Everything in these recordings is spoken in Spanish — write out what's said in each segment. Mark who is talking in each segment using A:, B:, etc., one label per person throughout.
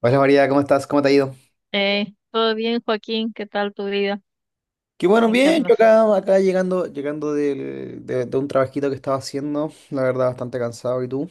A: Hola María, ¿cómo estás? ¿Cómo te ha ido?
B: Hey, ¿todo bien, Joaquín? ¿Qué tal tu vida?
A: Qué bueno,
B: ¿En qué
A: bien, yo
B: andas?
A: acá llegando, de un trabajito que estaba haciendo, la verdad, bastante cansado. ¿Y tú?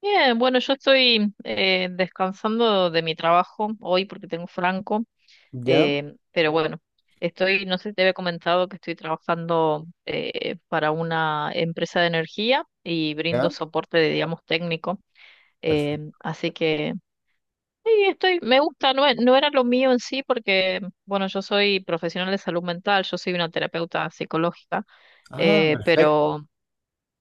B: Bien, bueno, yo estoy descansando de mi trabajo hoy porque tengo franco,
A: ¿Ya?
B: pero bueno, estoy, no sé si te había comentado que estoy trabajando para una empresa de energía y brindo
A: Ya,
B: soporte, digamos, técnico,
A: perfecto.
B: así que sí, estoy, me gusta, no, no era lo mío en sí porque, bueno, yo soy profesional de salud mental, yo soy una terapeuta psicológica,
A: Ah, perfecto,
B: pero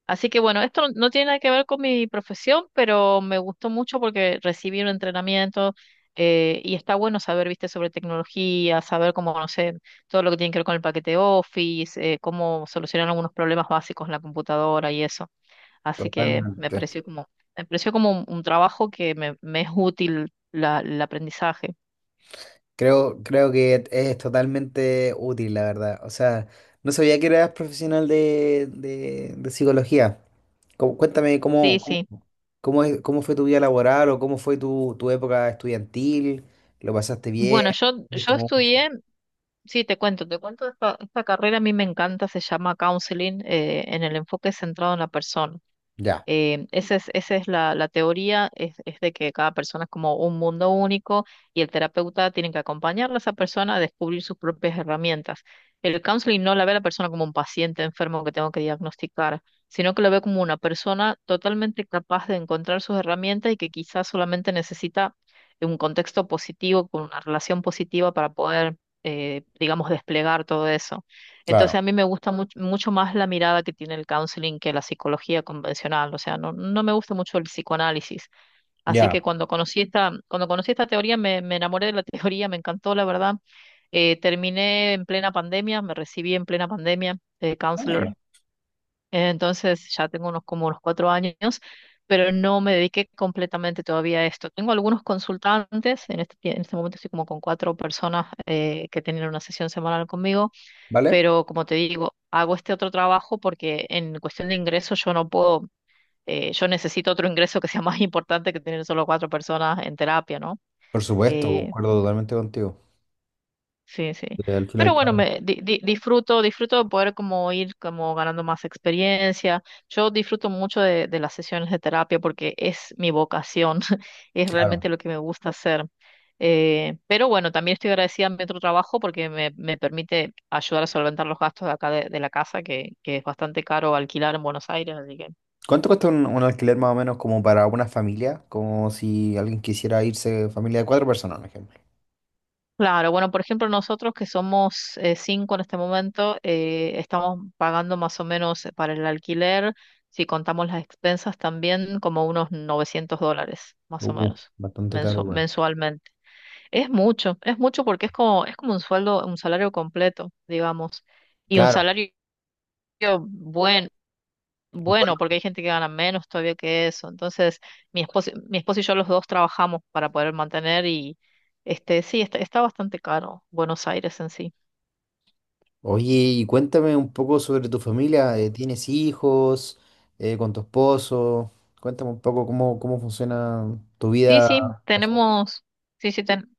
B: así que bueno, esto no tiene nada que ver con mi profesión, pero me gustó mucho porque recibí un entrenamiento y está bueno saber, viste, sobre tecnología, saber cómo, no sé, todo lo que tiene que ver con el paquete Office, cómo solucionar algunos problemas básicos en la computadora y eso. Así que
A: totalmente.
B: me pareció como un trabajo que me es útil el aprendizaje.
A: Creo que es totalmente útil, la verdad. O sea, no sabía que eras profesional de psicología. Cuéntame cómo,
B: Sí,
A: cómo,
B: sí.
A: cómo es- cómo fue tu vida laboral o cómo fue tu época estudiantil. ¿Lo pasaste bien?
B: Bueno,
A: ¿Viste
B: yo
A: mucho?
B: estudié. Sí, te cuento esta carrera a mí me encanta, se llama counseling, en el enfoque centrado en la persona.
A: Ya,
B: Esa es la teoría, es de que cada persona es como un mundo único y el terapeuta tiene que acompañar a esa persona a descubrir sus propias herramientas. El counseling no la ve a la persona como un paciente enfermo que tengo que diagnosticar, sino que lo ve como una persona totalmente capaz de encontrar sus herramientas y que quizás solamente necesita un contexto positivo, con una relación positiva para poder, digamos, desplegar todo eso. Entonces
A: claro,
B: a mí me gusta mucho más la mirada que tiene el counseling que la psicología convencional, o sea, no me gusta mucho el psicoanálisis. Así
A: ya.
B: que cuando conocí esta teoría me enamoré de la teoría, me encantó, la verdad. Terminé en plena pandemia, me recibí en plena pandemia de counselor. Entonces ya tengo unos como unos 4 años, pero no me dediqué completamente todavía a esto. Tengo algunos consultantes, en este momento estoy como con cuatro personas que tienen una sesión semanal conmigo,
A: ¿Vale?
B: pero como te digo, hago este otro trabajo porque en cuestión de ingresos yo no puedo, yo necesito otro ingreso que sea más importante que tener solo cuatro personas en terapia, ¿no?
A: Por supuesto,
B: Eh,
A: concuerdo totalmente contigo.
B: Sí, sí.
A: Al final,
B: Pero bueno,
A: claro.
B: disfruto, disfruto de poder como ir como ganando más experiencia. Yo disfruto mucho de las sesiones de terapia porque es mi vocación, es
A: Claro.
B: realmente lo que me gusta hacer. Pero bueno, también estoy agradecida a mi otro trabajo porque me permite ayudar a solventar los gastos de acá de la casa, que es bastante caro alquilar en Buenos Aires, así que
A: ¿Cuánto cuesta un alquiler más o menos como para una familia? Como si alguien quisiera irse, familia de cuatro personas, por ejemplo.
B: claro, bueno, por ejemplo, nosotros que somos cinco en este momento, estamos pagando más o menos para el alquiler, si contamos las expensas también, como unos $900, más o menos,
A: Bastante caro igual.
B: mensualmente. Es mucho porque es como un sueldo, un salario completo, digamos, y un
A: Claro.
B: salario bueno,
A: Bueno,
B: bueno, porque hay gente que gana menos todavía que eso. Entonces, mi esposo y yo los dos trabajamos para poder mantener y este, sí, está, está bastante caro Buenos Aires en sí.
A: oye, y cuéntame un poco sobre tu familia. ¿Tienes hijos? ¿Con tu esposo? Cuéntame un poco cómo funciona tu
B: Sí,
A: vida.
B: sí, tenemos, sí, sí, ten-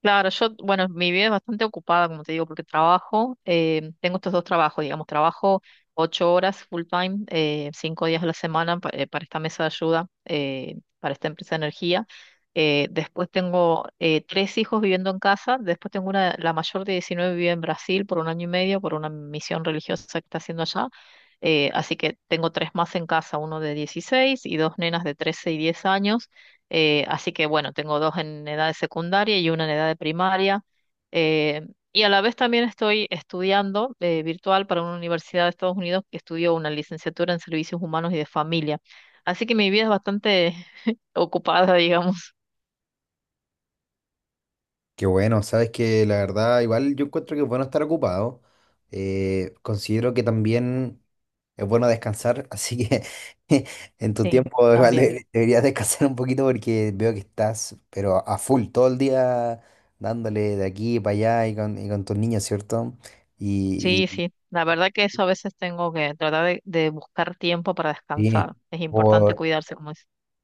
B: Claro, yo, bueno, mi vida es bastante ocupada, como te digo, porque trabajo, tengo estos dos trabajos, digamos, trabajo 8 horas full time, 5 días a la semana para esta mesa de ayuda, para esta empresa de energía. Después tengo tres hijos viviendo en casa, después tengo una, la mayor de 19 vive en Brasil por un año y medio, por una misión religiosa que está haciendo allá. Así que tengo tres más en casa, uno de 16 y dos nenas de 13 y 10 años. Así que bueno, tengo dos en edad de secundaria y una en edad de primaria. Eh, y a la vez también estoy estudiando virtual para una universidad de Estados Unidos que estudió una licenciatura en servicios humanos y de familia. Así que mi vida es bastante ocupada, digamos.
A: Qué bueno, sabes que la verdad, igual yo encuentro que es bueno estar ocupado. Considero que también es bueno descansar, así que en tu
B: Sí,
A: tiempo igual
B: también.
A: deberías descansar un poquito porque veo que estás, pero a full todo el día dándole de aquí para allá y con, tus niños, ¿cierto?
B: Sí,
A: Y,
B: sí. La verdad que eso a veces tengo que tratar de buscar tiempo para
A: y- sí.
B: descansar. Es importante cuidarse, como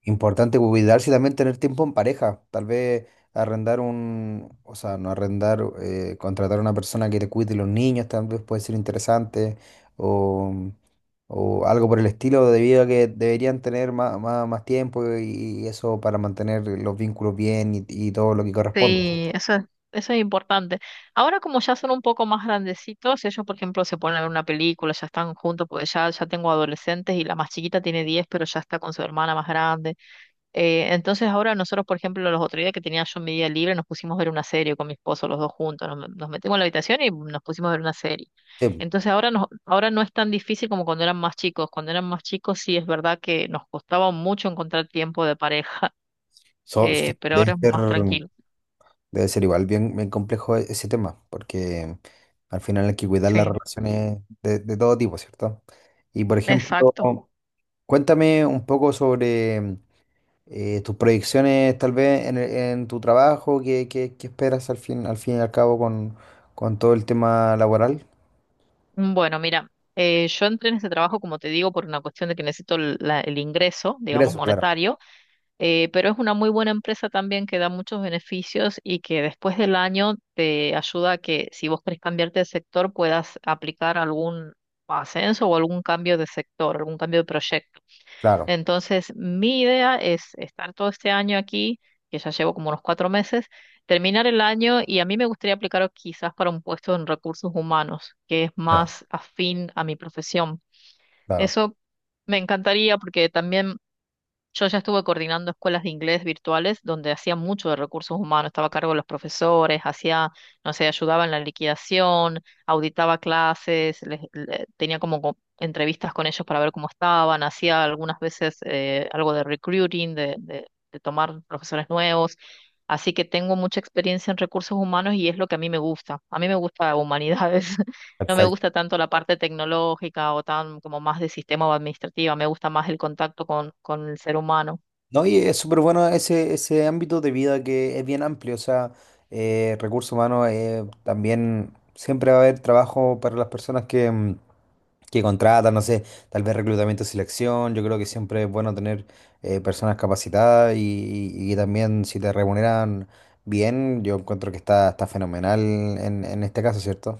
A: Importante cuidarse y también tener tiempo en pareja. Tal vez arrendar un, o sea, no arrendar, contratar a una persona que te cuide los niños, tal vez puede ser interesante o, o algo por el estilo, debido a que deberían tener más, más tiempo y, eso para mantener los vínculos bien y todo lo que corresponde.
B: sí, eso es importante. Ahora como ya son un poco más grandecitos, ellos por ejemplo se ponen a ver una película, ya están juntos, porque ya tengo adolescentes y la más chiquita tiene 10, pero ya está con su hermana más grande. Entonces ahora nosotros, por ejemplo, los otros días que tenía yo mi día libre, nos pusimos a ver una serie con mi esposo, los dos juntos, nos metimos en la habitación y nos pusimos a ver una serie.
A: Sí,
B: Entonces ahora, ahora no es tan difícil como cuando eran más chicos. Cuando eran más chicos sí es verdad que nos costaba mucho encontrar tiempo de pareja,
A: so- so-
B: pero ahora
A: debe
B: es
A: ser,
B: más tranquilo.
A: debe ser igual bien, bien complejo ese tema, porque al final hay que cuidar las
B: Sí.
A: relaciones de todo tipo, ¿cierto? Y por ejemplo...
B: Exacto.
A: Cuéntame un poco sobre tus proyecciones, tal vez en tu trabajo, qué esperas al fin y al cabo con, todo el tema laboral.
B: Bueno, mira, yo entré en ese trabajo, como te digo, por una cuestión de que necesito el ingreso, digamos,
A: Ingreso, claro,
B: monetario, pero es una muy buena empresa también que da muchos beneficios y que después del año te ayuda a que si vos querés cambiarte de sector puedas aplicar algún ascenso o algún cambio de sector, algún cambio de proyecto.
A: claro,
B: Entonces, mi idea es estar todo este año aquí, que ya llevo como unos 4 meses, terminar el año y a mí me gustaría aplicar quizás para un puesto en recursos humanos, que es
A: ya,
B: más afín a mi profesión.
A: claro,
B: Eso me encantaría porque también yo ya estuve coordinando escuelas de inglés virtuales donde hacía mucho de recursos humanos, estaba a cargo de los profesores, hacía, no sé, ayudaba en la liquidación, auditaba clases, tenía como entrevistas con ellos para ver cómo estaban, hacía algunas veces algo de recruiting, de tomar profesores nuevos. Así que tengo mucha experiencia en recursos humanos y es lo que a mí me gusta. A mí me gusta humanidades. No me
A: perfecto.
B: gusta tanto la parte tecnológica o tan como más de sistema o administrativa, me gusta más el contacto con el ser humano.
A: No, y es súper bueno ese ámbito de vida que es bien amplio, o sea, recursos humanos, también siempre va a haber trabajo para las personas que contrata, no sé, tal vez reclutamiento y selección. Yo creo que siempre es bueno tener personas capacitadas y también si te remuneran bien, yo encuentro que está, fenomenal en este caso, ¿cierto?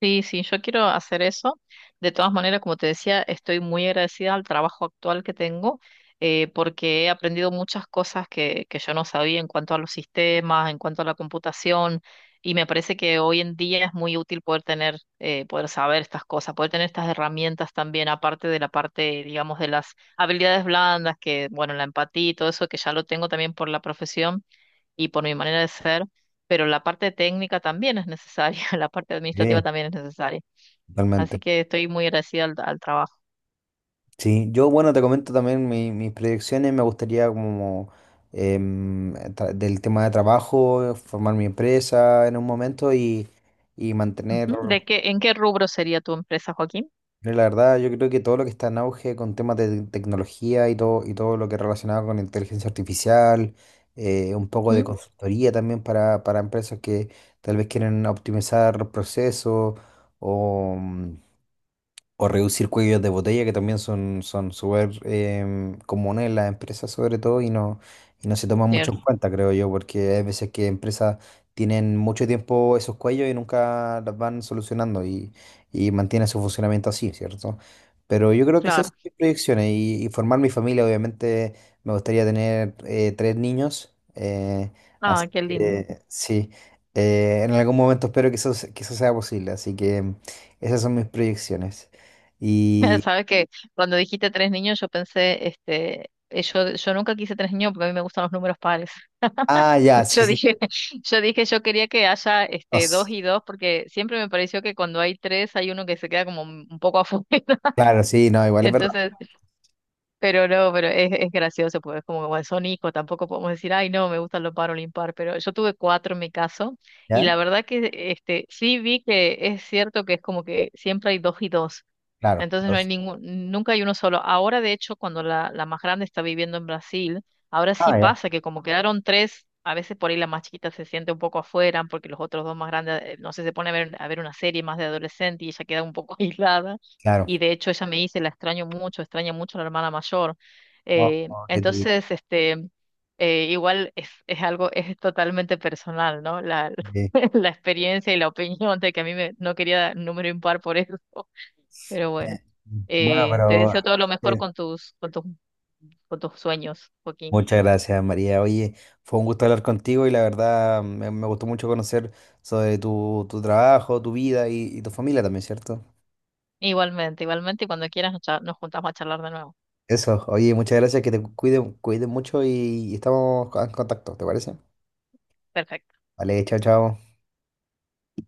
B: Sí, sí, yo quiero hacer eso. De todas maneras, como te decía, estoy muy agradecida al trabajo actual que tengo, porque he aprendido muchas cosas que yo no sabía en cuanto a los sistemas, en cuanto a la computación, y me parece que hoy en día es muy útil poder tener, poder saber estas cosas, poder tener estas herramientas también, aparte de la parte, digamos, de las habilidades blandas, que, bueno, la empatía y todo eso, que ya lo tengo también por la profesión y por mi manera de ser, pero la parte técnica también es necesaria, la parte administrativa
A: Sí,
B: también es necesaria. Así
A: totalmente.
B: que estoy muy agradecida al trabajo.
A: Sí, yo bueno, te comento también mis proyecciones, me gustaría como del tema de trabajo, formar mi empresa en un momento y, mantener.
B: Ujú. ¿En qué rubro sería tu empresa, Joaquín?
A: Mira, la verdad, yo creo que todo lo que está en auge con temas de tecnología y todo, lo que relacionado con inteligencia artificial, un poco de
B: Mm,
A: consultoría también para empresas que tal vez quieren optimizar procesos o, mm, o reducir cuellos de botella, que también son, súper comunes en las empresas sobre todo y no se toman mucho
B: bien.
A: en cuenta, creo yo, porque hay veces que empresas tienen mucho tiempo esos cuellos y nunca las van solucionando y, mantienen su funcionamiento así, ¿cierto? Pero yo creo que esas
B: Claro.
A: son mis proyecciones y formar mi familia, obviamente me gustaría tener tres niños, así
B: Ah, qué lindo.
A: que sí, en algún momento espero que que eso sea posible, así que esas son mis proyecciones. Y.
B: Sabes que cuando dijiste tres niños, yo pensé, este, yo nunca quise tres niños porque a mí me gustan los números pares.
A: Ah, ya, sí,
B: Yo
A: sí.
B: dije, yo dije, yo quería que haya
A: No
B: este dos
A: s-
B: y dos, porque siempre me pareció que cuando hay tres hay uno que se queda como un poco afuera.
A: claro, sí, no, igual es verdad.
B: Entonces, pero no, pero es gracioso, pues como, como bueno, son hijos, tampoco podemos decir, ay, no, me gustan los par o el impar, pero yo tuve cuatro en mi caso, y
A: ¿Ya?
B: la verdad que este, sí vi que es cierto que es como que siempre hay dos y dos,
A: Claro.
B: entonces no hay ningún, nunca hay uno solo. Ahora, de hecho, cuando la más grande está viviendo en Brasil, ahora sí
A: Ah, ya,
B: pasa que como quedaron tres, a veces por ahí la más chiquita se siente un poco afuera, porque los otros dos más grandes, no sé, se pone a ver una serie más de adolescente y ella queda un poco aislada.
A: claro.
B: Y de hecho ella me dice, la extraño mucho, extraña mucho a la hermana mayor.
A: Oh,
B: Eh,
A: oh, qué triste.
B: entonces, este, Igual es algo, es totalmente personal, ¿no? La,
A: Eh,
B: la experiencia y la opinión de que a mí me, no quería número impar por eso. Pero
A: eh,
B: bueno,
A: Bueno,
B: te
A: pero.
B: deseo todo lo mejor
A: Eh,
B: con tus, con tus, con tus sueños, Joaquín.
A: Muchas gracias, María. Oye, fue un gusto hablar contigo y la verdad me gustó mucho conocer sobre tu, trabajo, tu vida y tu familia también, ¿cierto?
B: Igualmente, igualmente, y cuando quieras nos, nos juntamos a charlar de nuevo.
A: Eso, oye, muchas gracias, que te cuiden mucho y estamos en contacto, ¿te parece?
B: Perfecto.
A: Vale, chao, chao.